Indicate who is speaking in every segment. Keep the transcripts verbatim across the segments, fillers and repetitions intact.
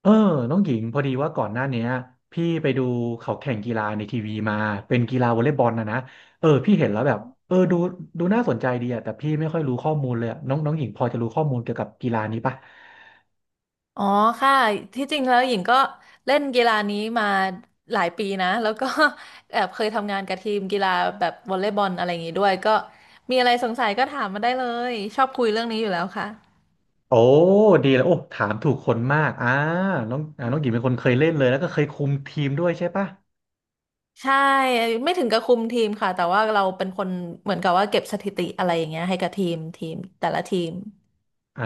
Speaker 1: เออน้องหญิงพอดีว่าก่อนหน้าเนี้ยพี่ไปดูเขาแข่งกีฬาในทีวีมาเป็นกีฬาวอลเลย์บอลนะนะเออพี่เห็นแล้วแบบเออดูดูน่าสนใจดีอะแต่พี่ไม่ค่อยรู้ข้อมูลเลยอะน้องน้องหญิงพอจะรู้ข้อมูลเกี่ยวกับกีฬานี้ปะ
Speaker 2: อ๋อค่ะที่จริงแล้วหญิงก็เล่นกีฬานี้มาหลายปีนะแล้วก็ แอบเคยทำงานกับทีมกีฬาแบบวอลเลย์บอลอะไรอย่างงี้ด้วยก็มีอะไรสงสัยก็ถามมาได้เลยชอบคุยเรื่องนี้อยู่แล้วค่ะ
Speaker 1: โอ้ดีแล้วโอ้ถามถูกคนมากอ่าน้องอ่าน้องหญิงเป็นคนเคยเล่นเลยแล้วก็เคยคุมทีมด้วยใช่ปะ
Speaker 2: ใช่ไม่ถึงกับคุมทีมค่ะแต่ว่าเราเป็นคนเหมือนกับว่าเก็บสถิติอะไรอย่างเงี้ยให้กับทีมทีมแต่ละทีม
Speaker 1: อ่า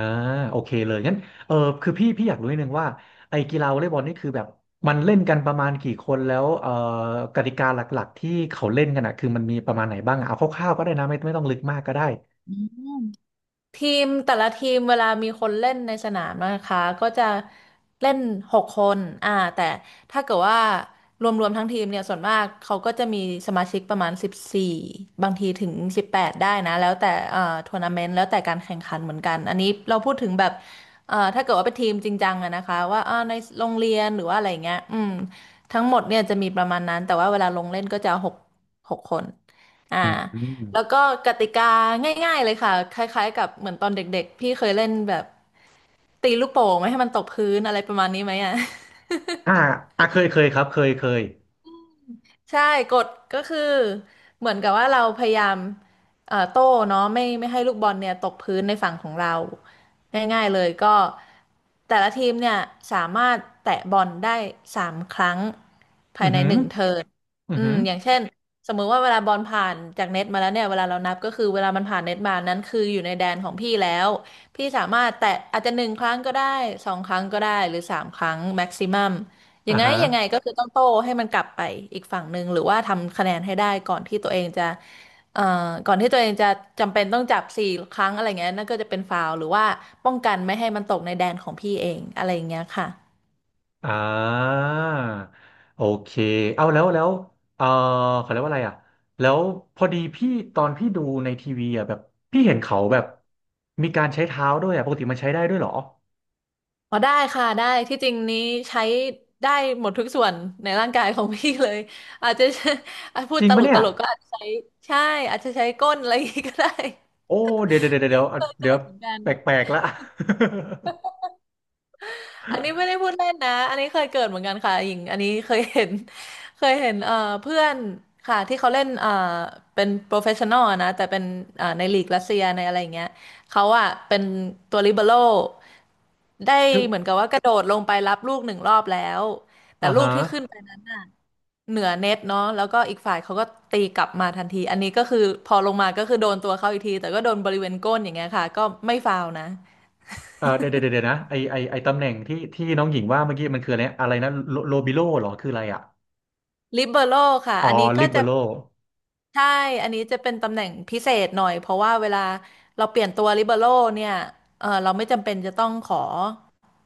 Speaker 1: โอเคเลยงั้นเออคือพี่พี่อยากรู้นิดนึงว่าไอ้กีฬาวอลเลย์บอลนี่คือแบบมันเล่นกันประมาณกี่คนแล้วเออกติกาหลักๆที่เขาเล่นกันอ่ะคือมันมีประมาณไหนบ้างอะเอาคร่าวๆก็ได้นะไม่ไม่ต้องลึกมากก็ได้
Speaker 2: ทีมแต่ละทีมเวลามีคนเล่นในสนามนะคะก็จะเล่นหกคนอ่าแต่ถ้าเกิดว่ารวมๆทั้งทีมเนี่ยส่วนมากเขาก็จะมีสมาชิกประมาณสิบสี่บางทีถึงสิบแปดได้นะแล้วแต่เอ่อทัวร์นาเมนต์แล้วแต่การแข่งขันเหมือนกันอันนี้เราพูดถึงแบบเอ่อถ้าเกิดว่าเป็นทีมจริงจังอะนะคะว่าอ่าในโรงเรียนหรือว่าอะไรเงี้ยอืมทั้งหมดเนี่ยจะมีประมาณนั้นแต่ว่าเวลาลงเล่นก็จะหกหกคนอ่า
Speaker 1: อืมอม
Speaker 2: แล้วก็กติกาง่ายๆเลยค่ะคล้ายๆกับเหมือนตอนเด็กๆพี่เคยเล่นแบบตีลูกโป่งไม่ให้มันตกพื้นอะไรประมาณนี้ไหมอ่ะ
Speaker 1: อ่าอ่าเคยเคยครับเคยเคย
Speaker 2: ใช่กฎก็คือเหมือนกับว่าเราพยายามเอ่อโต้เนาะไม่ไม่ให้ลูกบอลเนี่ยตกพื้นในฝั่งของเราง่ายๆเลยก็แต่ละทีมเนี่ยสามารถแตะบอลได้สามครั้ง
Speaker 1: อื
Speaker 2: ภาย
Speaker 1: อ
Speaker 2: ใน
Speaker 1: หือ
Speaker 2: หนึ่งเทิร์น
Speaker 1: อือ
Speaker 2: อื
Speaker 1: หื
Speaker 2: ม
Speaker 1: อ
Speaker 2: อย่างเช่นสมมุติว่าเวลาบอลผ่านจากเน็ตมาแล้วเนี่ยเวลาเรานับก็คือเวลามันผ่านเน็ตมานั้นคืออยู่ในแดนของพี่แล้วพี่สามารถแตะอาจจะหนึ่งครั้งก็ได้สองครั้งก็ได้หรือสามครั้งแม็กซิมัม ยั
Speaker 1: อ่า
Speaker 2: งไง
Speaker 1: ฮะ
Speaker 2: ยังไงก็คือต้องโต้ให้มันกลับไปอีกฝั่งหนึ่งหรือว่าทำคะแนนให้ได้ก่อนที่ตัวเองจะเอ่อก่อนที่ตัวเองจะจำเป็นต้องจับสี่ครั้งอะไรเงี้ยนั่นก็จะเป็นฟาวล์หรือว่าป้องกันไม่ให้มันตกในแดนของพี่เองอะไรอย่างเงี้ยค่ะ
Speaker 1: อ่าโอเคเอาแล้วแล้วเออเขาเรียกว่าอะไรอ่ะแล้วพอดีพี่ตอนพี่ดูในทีวีอ่ะแบบพี่เห็นเขาแบบมีการใช้เท้าด้วยอ่ะปกติมันใช้ได้ด้วยเหรอ
Speaker 2: อ๋อได้ค่ะได้ที่จริงนี้ใช้ได้หมดทุกส่วนในร่างกายของพี่เลยอาจจะอาจ พู
Speaker 1: จ
Speaker 2: ด
Speaker 1: ริง
Speaker 2: ตล
Speaker 1: ปะ
Speaker 2: ก
Speaker 1: เนี่
Speaker 2: ต
Speaker 1: ย
Speaker 2: ลกก็อาจจะใช้ใช่อาจจะใช้ก้นอะไรอย่างงี้ก็ได้
Speaker 1: โอ้เดี๋ยวเดี๋ยวเดี๋ยวเดี๋ยวอ่ะเดี๋ยว
Speaker 2: เหมือนกัน
Speaker 1: แปลกๆละ
Speaker 2: อันนี้ไม่ ได้พูดเล่นนะอันนี้เคยเกิดเหมือนกันค่ะหญิงอันนี้เคยเห็น เคยเห็นเอ่อเพื่อนค่ะที่เขาเล่นเอ่อเป็นโปรเฟชชั่นอลนะแต่เป็นเอ่อในลีกรัสเซียในอะไรอย่างเงี้ยเขาอะเป็นตัวลิเบโร่ได้
Speaker 1: คือ
Speaker 2: เหมือนกับว่ากระโดดลงไปรับลูกหนึ่งรอบแล้วแต่
Speaker 1: อ่า
Speaker 2: ลูก
Speaker 1: ฮะ
Speaker 2: ที่ขึ้นไปเหนือเน็ตเนาะแล้วก็อีกฝ่ายเขาก็ตีกลับมาทันทีอันนี้ก็คือพอลงมาก็คือโดนตัวเขาอีกทีแต่ก็โดนบริเวณก้นอย่างเงี้ยค่ะก็ไม่ฟาวล์นะ
Speaker 1: เออเดี๋ยวเดี๋ยวเดี๋ยวนะไอไอไอตำแหน่งที่ที่น้องหญิงว่าเมื่อกี้มันคืออะไรอะไรนะโลโลบิโลเหรอคืออะไรอ่ะ
Speaker 2: ลิเบโร่ค่ะ
Speaker 1: อ๋อ
Speaker 2: อันนี้ก็
Speaker 1: ลิเบ
Speaker 2: จะ
Speaker 1: โร
Speaker 2: ใช่ อันนี้จะเป็นตำแหน่งพิเศษหน่อยเพราะว่าเวลาเราเปลี่ยนตัวลิเบโร่เนี่ยเออเราไม่จำเป็นจะต้องขอ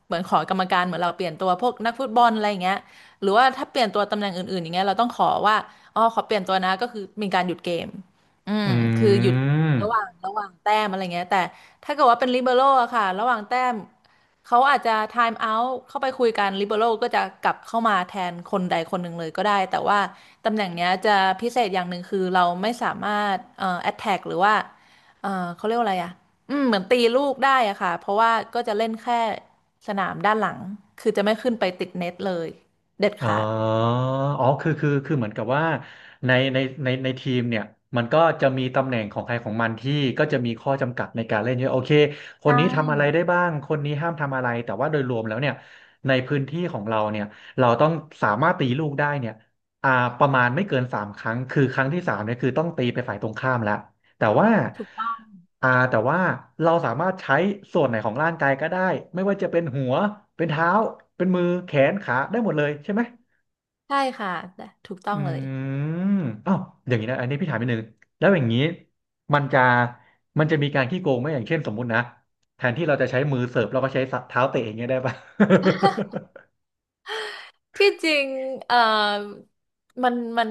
Speaker 2: เหมือนขอกรรมการเหมือนเราเปลี่ยนตัวพวกนักฟุตบอลอะไรอย่างเงี้ยหรือว่าถ้าเปลี่ยนตัวตำแหน่งอื่นๆอย่างเงี้ยเราต้องขอว่าอ๋อขอเปลี่ยนตัวนะก็คือมีการหยุดเกมอืมคือ
Speaker 1: อื
Speaker 2: หยุด
Speaker 1: ม
Speaker 2: ระหว่างระหว่างแต้มอะไรเงี้ยแต่ถ้าเกิดว่าเป็นลิเบโร่อะค่ะระหว่างแต้มเขาอาจจะไทม์เอาท์เข้าไปคุยกันลิเบโร่ก็จะกลับเข้ามาแทนคนใดคนหนึ่งเลยก็ได้แต่ว่า ตำแหน่งเนี้ยจะพิเศษอย่างหนึ่งคือเราไม่สามารถเอ่อแอ t แทกหรือว่าเอ่อเขาเรียกว่าอะไรอ่ะอืมเหมือนตีลูกได้อะค่ะเพราะว่าก็จะเล่นแค่สนามด้านหลังคือจะไม่ขึ้นไปติดเน็ตเลยเด็ด
Speaker 1: อ๋อ
Speaker 2: ขาด
Speaker 1: อ๋อคือคือคือเหมือนกับว่าในในในในทีมเนี่ยมันก็จะมีตำแหน่งของใครของมันที่ก็จะมีข้อจำกัดในการเล่นเยอะโอเคคน
Speaker 2: ใช่
Speaker 1: นี้ทำอะไรได้บ้างคนนี้ห้ามทำอะไรแต่ว่าโดยรวมแล้วเนี่ยในพื้นที่ของเราเนี่ยเราต้องสามารถตีลูกได้เนี่ยอ่าประมาณไม่เกินสามครั้ง คือครั้งที่สามเนี่ยคือต้องตีไปฝ่ายตรงข้ามแล้ว แต่ว่า
Speaker 2: ถูก
Speaker 1: อ่าแต่ว่าเราสามารถใช้ส่วนไหนของร่างกายก็ได้ไม่ว่าจะเป็นหัวเป็นเท้าเป็นมือแขนขาได้หมดเลยใช่ไหม
Speaker 2: ใช่ค่ะถูกต้อ
Speaker 1: อื
Speaker 2: งเลย
Speaker 1: มอ้าวอย่างนี้นะอันนี้พี่ถามนิดนึงแล้วอย่างนี้มันจะมันจะมีการขี้โกงไหมอย่างเช่นสมมุตินะแทนที่เราจะใช้มือเสิร์ฟเราก็ใช้เท้าเตะอย่างเงี้ยได้ปะ
Speaker 2: ที่จริงเอ่อมันมัน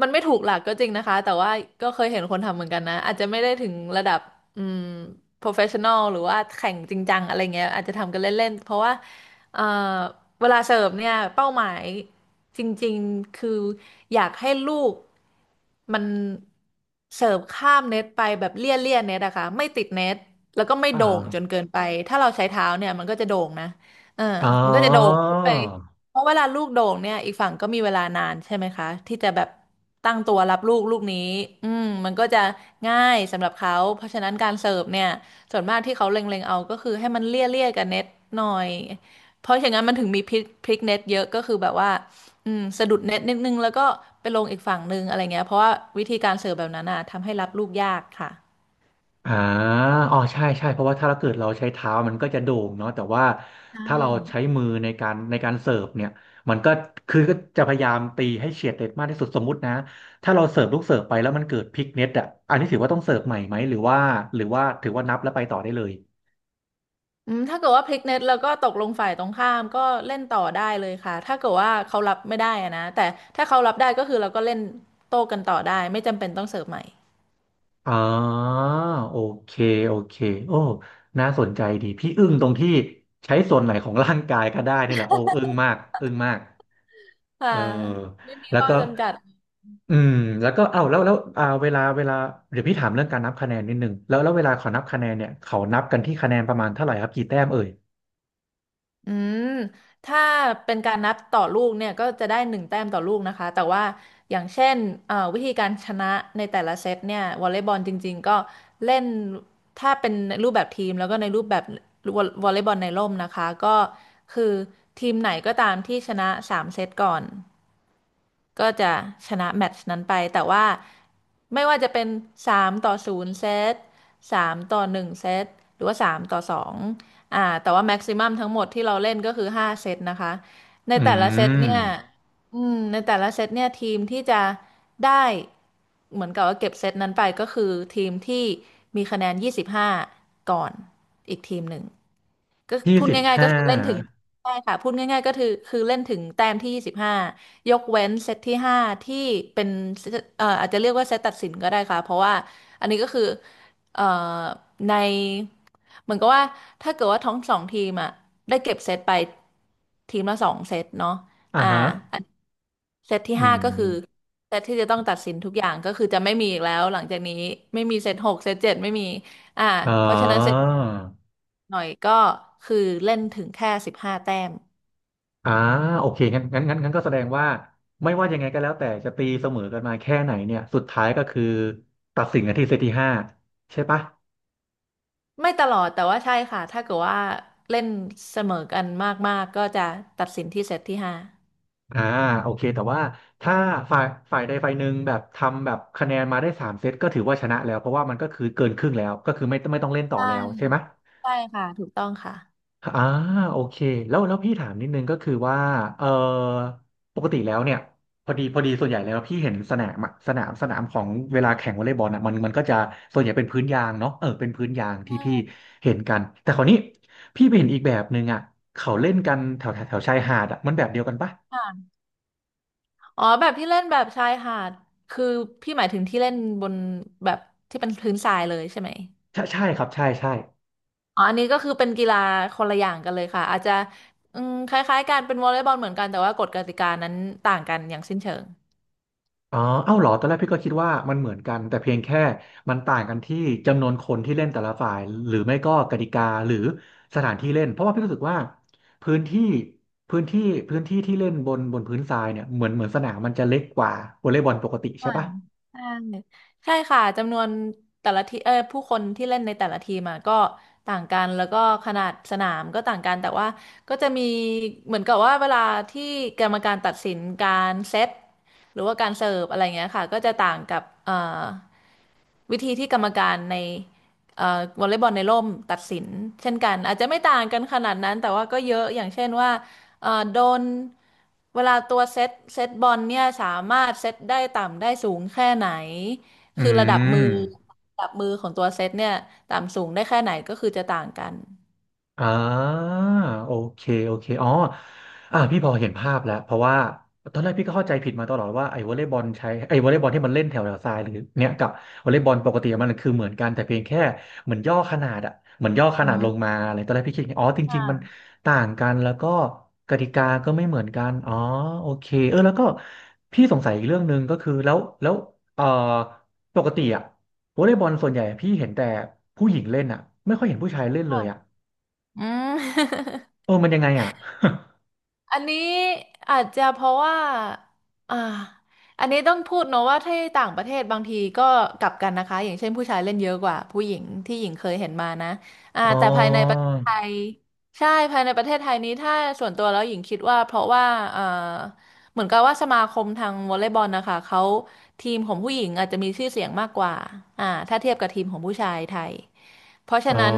Speaker 2: มันไม่ถูกหลักก็จริงนะคะ แต่ว่าก็เคยเห็นคนทำเหมือนกันนะ อาจจะไม่ได้ถึงระดับอืม professional หรือว่าแข่งจริงจังอะไรเงี้ยอาจจะทำกันเล่นๆ เพราะว่าเอ่อเวลาเสิร์ฟเนี่ย เป้าหมายจริงๆ คืออยากให้ลูกมันเสิร์ฟข้ามเน็ตไปแบบเลี่ยเลี่ยเน็ตอะค่ะไม่ติดเน็ต แล้วก็ไม่
Speaker 1: อ่า
Speaker 2: โด่งจนเกินไป ถ้าเราใช้เท้าเนี่ยมันก็จะโด่งนะเออ
Speaker 1: อ๋อ
Speaker 2: มันก็จะโด่งขึ้นไป เพราะเวลาลูกโด่งเนี่ยอีกฝั่งก็มีเวลานานใช่ไหมคะที่จะแบบตั้งตัวรับลูกลูกนี้อืมมันก็จะง่ายสำหรับเขาเพราะฉะนั้นการเสิร์ฟเนี่ยส่วนมากที่เขาเล็งๆเอาก็คือให้มันเลี่ยเลี่ยกับเน็ตหน่อยเพราะอย่างนั้นมันถึงมีพลิกพลิกเน็ตเยอะก็คือแบบว่าอืมสะดุดเน็ตนิดนึงแล้วก็ไปลงอีกฝั่งนึงอะไรเงี้ยเพราะว่าวิธีการเสิร์ฟแบบนั้นอ่ะทำให้รับลูกยากค่ะ
Speaker 1: อ่าอ๋อใช่ใช่เพราะว่าถ้าเราเกิดเราใช้เท้ามันก็จะโด่งเนาะแต่ว่าถ้าเราใช้มือในการในการเสิร์ฟเนี่ยมันก็คือก็จะพยายามตีให้เฉียดเด็ดมากที่สุดสมมุตินะถ้าเราเสิร์ฟลูกเสิร์ฟไปแล้วมันเกิดพลิกเน็ตอ่ะอันนี้ถือว่าต้องเสิร์ฟใหม่ไหมหรือว่าหรือว่าถือว่านับแล้วไปต่อได้เลย
Speaker 2: อืมถ้าเกิดว่าพลิกเน็ตแล้วก็ตกลงฝ่ายตรงข้ามก็เล่นต่อได้เลยค่ะถ้าเกิดว่าเขารับไม่ได้อะนะแต่ถ้าเขารับได้ก็คือเราก็เล่นโต้กันต่อได้ไม่จำเป็นต้องเสิร์ฟใหม่
Speaker 1: อ๋อโอเคโอเคโอ้น่าสนใจดีพี่อึ้งตรงที่ใช้ส่วนไหนของร่างกายก็ได้นี่แหละโอ้อึ้งมากอึ้งมาก
Speaker 2: ค่ะ
Speaker 1: เออ
Speaker 2: ไม่มี
Speaker 1: แล้ว
Speaker 2: ข้อ
Speaker 1: ก็
Speaker 2: จำกัด
Speaker 1: อืมแล้วก็เอ้าแล้วแล้วอ่าเวลาเวลาเดี๋ยวพี่ถามเรื่องการนับคะแนนนิดนึงแล้วแล้วเวลาเขานับคะแนนเนี่ยเขานับกันที่คะแนนประมาณเท่าไหร่ครับกี่แต้มเอ่ย
Speaker 2: อืมถ้าเป็นการนับต่อลูกเนี่ยก็จะได้หนึ่งแต้มต่อลูกนะคะแต่ว่าอย่างเช่นเอ่อวิธีการชนะในแต่ละเซตเนี่ยวอลเลย์บอลจริงๆก็เล่นถ้าเป็นรูปแบบทีมแล้วก็ในรูปแบบวอลวอลเลย์บอลในร่มนะคะก็คือทีมไหนก็ตามที่ชนะสามเซตก่อน ก็จะชนะแมตช์นั้นไปแต่ว่าไม่ว่าจะเป็นสามต่อศูนย์เซตสามต่อหนึ่งเซตหรือว่าสามต่อสองอ่าแต่ว่าแม็กซิมัมทั้งหมดที่เราเล่นก็คือห้าเซตนะคะใน
Speaker 1: อื
Speaker 2: แต่ละเซต
Speaker 1: ม
Speaker 2: เนี่ยอืมในแต่ละเซตเนี่ยทีมที่จะได้เหมือนกับว่าเก็บเซตนั้นไปก็คือทีมที่มีคะแนนยี่สิบห้าก่อนอีกทีมหนึ่งก็
Speaker 1: ยี่
Speaker 2: พูด
Speaker 1: สิบ
Speaker 2: ง่ายๆก็
Speaker 1: ห้า
Speaker 2: คือเล่นถึง ใช่ค่ะพูดง่ายๆก็คือคือเล่นถึงแต้มที่ยี่สิบห้ายกเว้นเซตที่ห้าที่เป็นเซตเอ่ออาจจะเรียกว่าเซตตัดสินก็ได้ค่ะเพราะว่าอันนี้ก็คือเอ่อในเหมือนกับว่าถ้าเกิดว่าทั้งสองทีมอ่ะได้เก็บเซตไปทีมละสองเซตเนาะ
Speaker 1: อ่า
Speaker 2: อ่า
Speaker 1: ฮะ
Speaker 2: อันเซตที่
Speaker 1: อื
Speaker 2: ห้าก็คือ
Speaker 1: ม
Speaker 2: เซตที่จะต้องตัดสินทุกอย่างก็คือจะไม่มีอีกแล้วหลังจากนี้ไม่มีเซตหกเซตเจ็ดไม่มีอ่า
Speaker 1: อ๋อ
Speaker 2: เพราะฉะนั้นเซตหน่อยก็คือเล่นถึงแค่สิบห้าแต้ม
Speaker 1: อ่าโอเคงั้นงั้นงั้นงั้นก็แสดงว่าไม่ว่ายังไงก็แล้วแต่จะตีเสมอกันมาแค่ไหนเนี่ยสุดท้ายก็คือตัดสินกันที่เซตที่ห้าใช่ปะ
Speaker 2: ไม่ตลอดแต่ว่าใช่ค่ะถ้าเกิดว่าเล่นเสมอกันมากๆก็จะตัดสินที่เซตที่ห้า
Speaker 1: อ่าโอเคแต่ว่าถ้าฝ่ายฝ่ายใดฝ่ายหนึ่งแบบทำแบบคะแนนมาได้สามเซตก็ถือว่าชนะแล้วเพราะว่ามันก็คือเกินครึ่งแล้วก็คือไม่ไม่ต้องเล่นต่อ
Speaker 2: ใช่
Speaker 1: แล้วใช่ไหม
Speaker 2: ใช่ค่ะถูกต้องค่ะ
Speaker 1: อ่าโอเคแล้วแล้วพี่ถามนิดนึงก็คือว่าเออปกติแล้วเนี่ยพอดีพอดีส่วนใหญ่แล้วพี่เห็นสนามอะสนามสนามของเวลาแข่งวอลเลย์บอลอ่ะมันมันก็จะส่วนใหญ่เป็นพื้นยางเนาะเออเป็นพื้นยางที่พี่
Speaker 2: ใช่
Speaker 1: เห็นกันแต่คราวนี้พี่ไปเห็นอีกแบบหนึ่งอ่ะเขาเล่นกันแถวแถวแถวชายหาดอ่ะมันแบบเดียวกันปะ
Speaker 2: ค่ะอ๋อแบบที่เล่นแบบชายหาดคือพี่หมายถึงที่เล่นบนแบบที่เป็นพื้นทรายเลยใช่ไหม
Speaker 1: ใช่ใช่ครับใช่ใช่
Speaker 2: อ๋ออันนี้ก็คือเป็นกีฬาคนละอย่างกันเลยค่ะอาจจะอืมคล้ายๆกันเป็นวอลเลย์บอลเหมือนกันแต่ว่ากฎกติกานั้นต่างกันอย่างสิ้นเชิง
Speaker 1: อ๋อเอ้าเหรอตอนแรกพี่ก็คิดว่ามันเหมือนกันแต่เพียงแค่มันต่างกันที่จำนวนคนที่เล่นแต่ละฝ่ายหรือไม่ก็กติกาหรือสถานที่เล่นเพราะว่าพี่รู้สึกว่าพื้นที่พื้นที่พื้นที่ที่เล่นบนบนพื้นทรายเนี่ยเหมือนเหมือนสนามมันจะเล็กกว่าวอลเลย์บอลปกติใช่
Speaker 2: อ่า
Speaker 1: ปะ
Speaker 2: ใช่ใช่ค่ะจำนวนแต่ละทีเออผู้คนที่เล่นในแต่ละทีมอะก็ต่างกันแล้วก็ขนาดสนามก็ต่างกันแต่ว่าก็จะมีเหมือนกับว่าเวลาที่กรรมการตัดสินการเซตหรือว่าการเสิร์ฟอะไรเงี้ยค่ะก็จะต่างกับเอ่อวิธีที่กรรมการในเอ่อวอลเลย์บอลในร่มตัดสินเช่นกัน อาจจะไม่ต่างกันขนาดนั้น แต่ว่าก็เยอะอย่างเช่นว่า เอ่อโดนเวลาตัวเซตเซตบอลเนี่ยสามารถเซตได้ต่ำได้สูงแค่ไหน
Speaker 1: อื
Speaker 2: คือระดับมือ
Speaker 1: ม
Speaker 2: ระดับมือของตัวเซตเนี่ยต่ำสูงได้แค่ไหนก็คือจะต่างกัน
Speaker 1: อ่าโอเคโอเคอ๋ออ่าพี่พอเห็นภาพแล้วเพราะว่าตอนแรกพี่ก็เข้าใจผิดมาตลอดว่าไอ้วอลเลย์บอลใช้ไอ้วอลเลย์บอลที่มันเล่นแถวแถวทรายหรือเนี่ยกับวอลเลย์บอลปกติมันคือเหมือนกันแต่เพียงแค่เหมือนย่อขนาดอะเหมือนย่อข
Speaker 2: อื
Speaker 1: นาดลง
Speaker 2: ม
Speaker 1: มาอะไรตอนแรกพี่คิดอย่างนี้อ๋อจริ
Speaker 2: ค่ะ
Speaker 1: งๆมันต่างกันแล้วก็กติกาก็ไม่เหมือนกันอ๋อโอเคเออแล้วก็พี่สงสัยอีกเรื่องหนึ่งก็คือแล้วแล้วเอ่อปกติอะวอลเลย์บอลส่วนใหญ่พี่เห็นแต่ผู้หญิงเล่นอะไม่ค่อยเห็นผู้ชายเล่นเล
Speaker 2: ค่ะ
Speaker 1: ยอะ
Speaker 2: อืม
Speaker 1: เออมันยังไงอ่ะ
Speaker 2: อันนี้อาจจะเพราะว่าอ่าอันนี้ต้องพูดเนอะว่าที่ต่างประเทศบางทีก็กลับกันนะคะอย่างเช่นผู้ชายเล่นเยอะกว่าผู้หญิงที่หญิงเคยเห็นมานะอ่า
Speaker 1: อ๋อ
Speaker 2: แต่ภายในประเทศไทยใช่ภายในประเทศไทยนี้ถ้าส่วนตัวแล้วหญิงคิดว่าเพราะว่าเอ่อเหมือนกับว่าสมาคมทางวอลเลย์บอลนะคะเขาทีมของผู้หญิงอาจจะมีชื่อเสียงมากกว่าอ่าถ้าเทียบกับทีมของผู้ชายไทย เพราะฉะ
Speaker 1: อ๋อ
Speaker 2: นั้น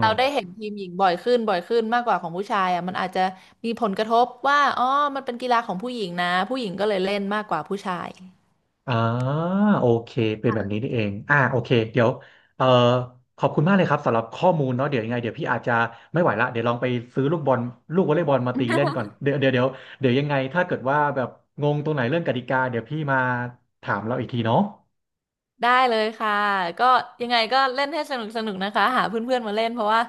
Speaker 2: เราได้เห็นทีมหญิงบ่อยขึ้นบ่อยขึ้นมากกว่าของผู้ชายอ่ะมันอาจจะมีผลกระทบว่าอ๋อมันเป็นกีฬาของผู้หญิงนะผู้หญิงก็เลยเล่นมากกว่าผู้ชาย
Speaker 1: อ๋อโอเคเป็นแบบนี้นี่เองอ่าโอเคเดี๋ยวเอ่อขอบคุณมากเลยครับสำหรับข้อมูลเนาะเดี๋ยวยังไงเดี๋ยวพี่อาจจะไม่ไหวละเดี๋ยวลองไปซื้อลูกบอลลูกวอลเลย์บอลมาตีเล่นก่อนเดี๋ยวเดี๋ยวเดี๋ยวเดี๋ยวยังไงถ้าเกิดว่าแบบงงตรงไหนเรื่องกติกาเดี๋ยวพี่มาถามเราอีกทีเนาะ
Speaker 2: ได้เลยค่ะก็ยังไงก็เล่นให้สนุกสนุกนะคะหาเพื่อนๆมาเล่นเพราะว่า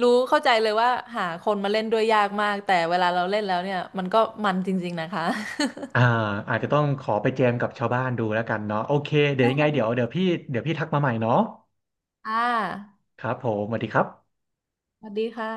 Speaker 2: รู้เข้าใจเลยว่าหาคนมาเล่นด้วยยากมากแต่เวลาเราเล่นแล้วเนี่ยมันก็มันจริงๆนะคะ
Speaker 1: อ่าอาจจะต้องขอไปแจมกับชาวบ้านดูแล้วกันเนาะโอเค เดี๋ยว
Speaker 2: ใช่
Speaker 1: ยังไงเดี๋ยวเดี๋ยวพี่เดี๋ยวพี่ทักมาใหม่เนาะ
Speaker 2: ค่ะ
Speaker 1: ครับผมสวัสดีครับ
Speaker 2: สวัสดีค่ะ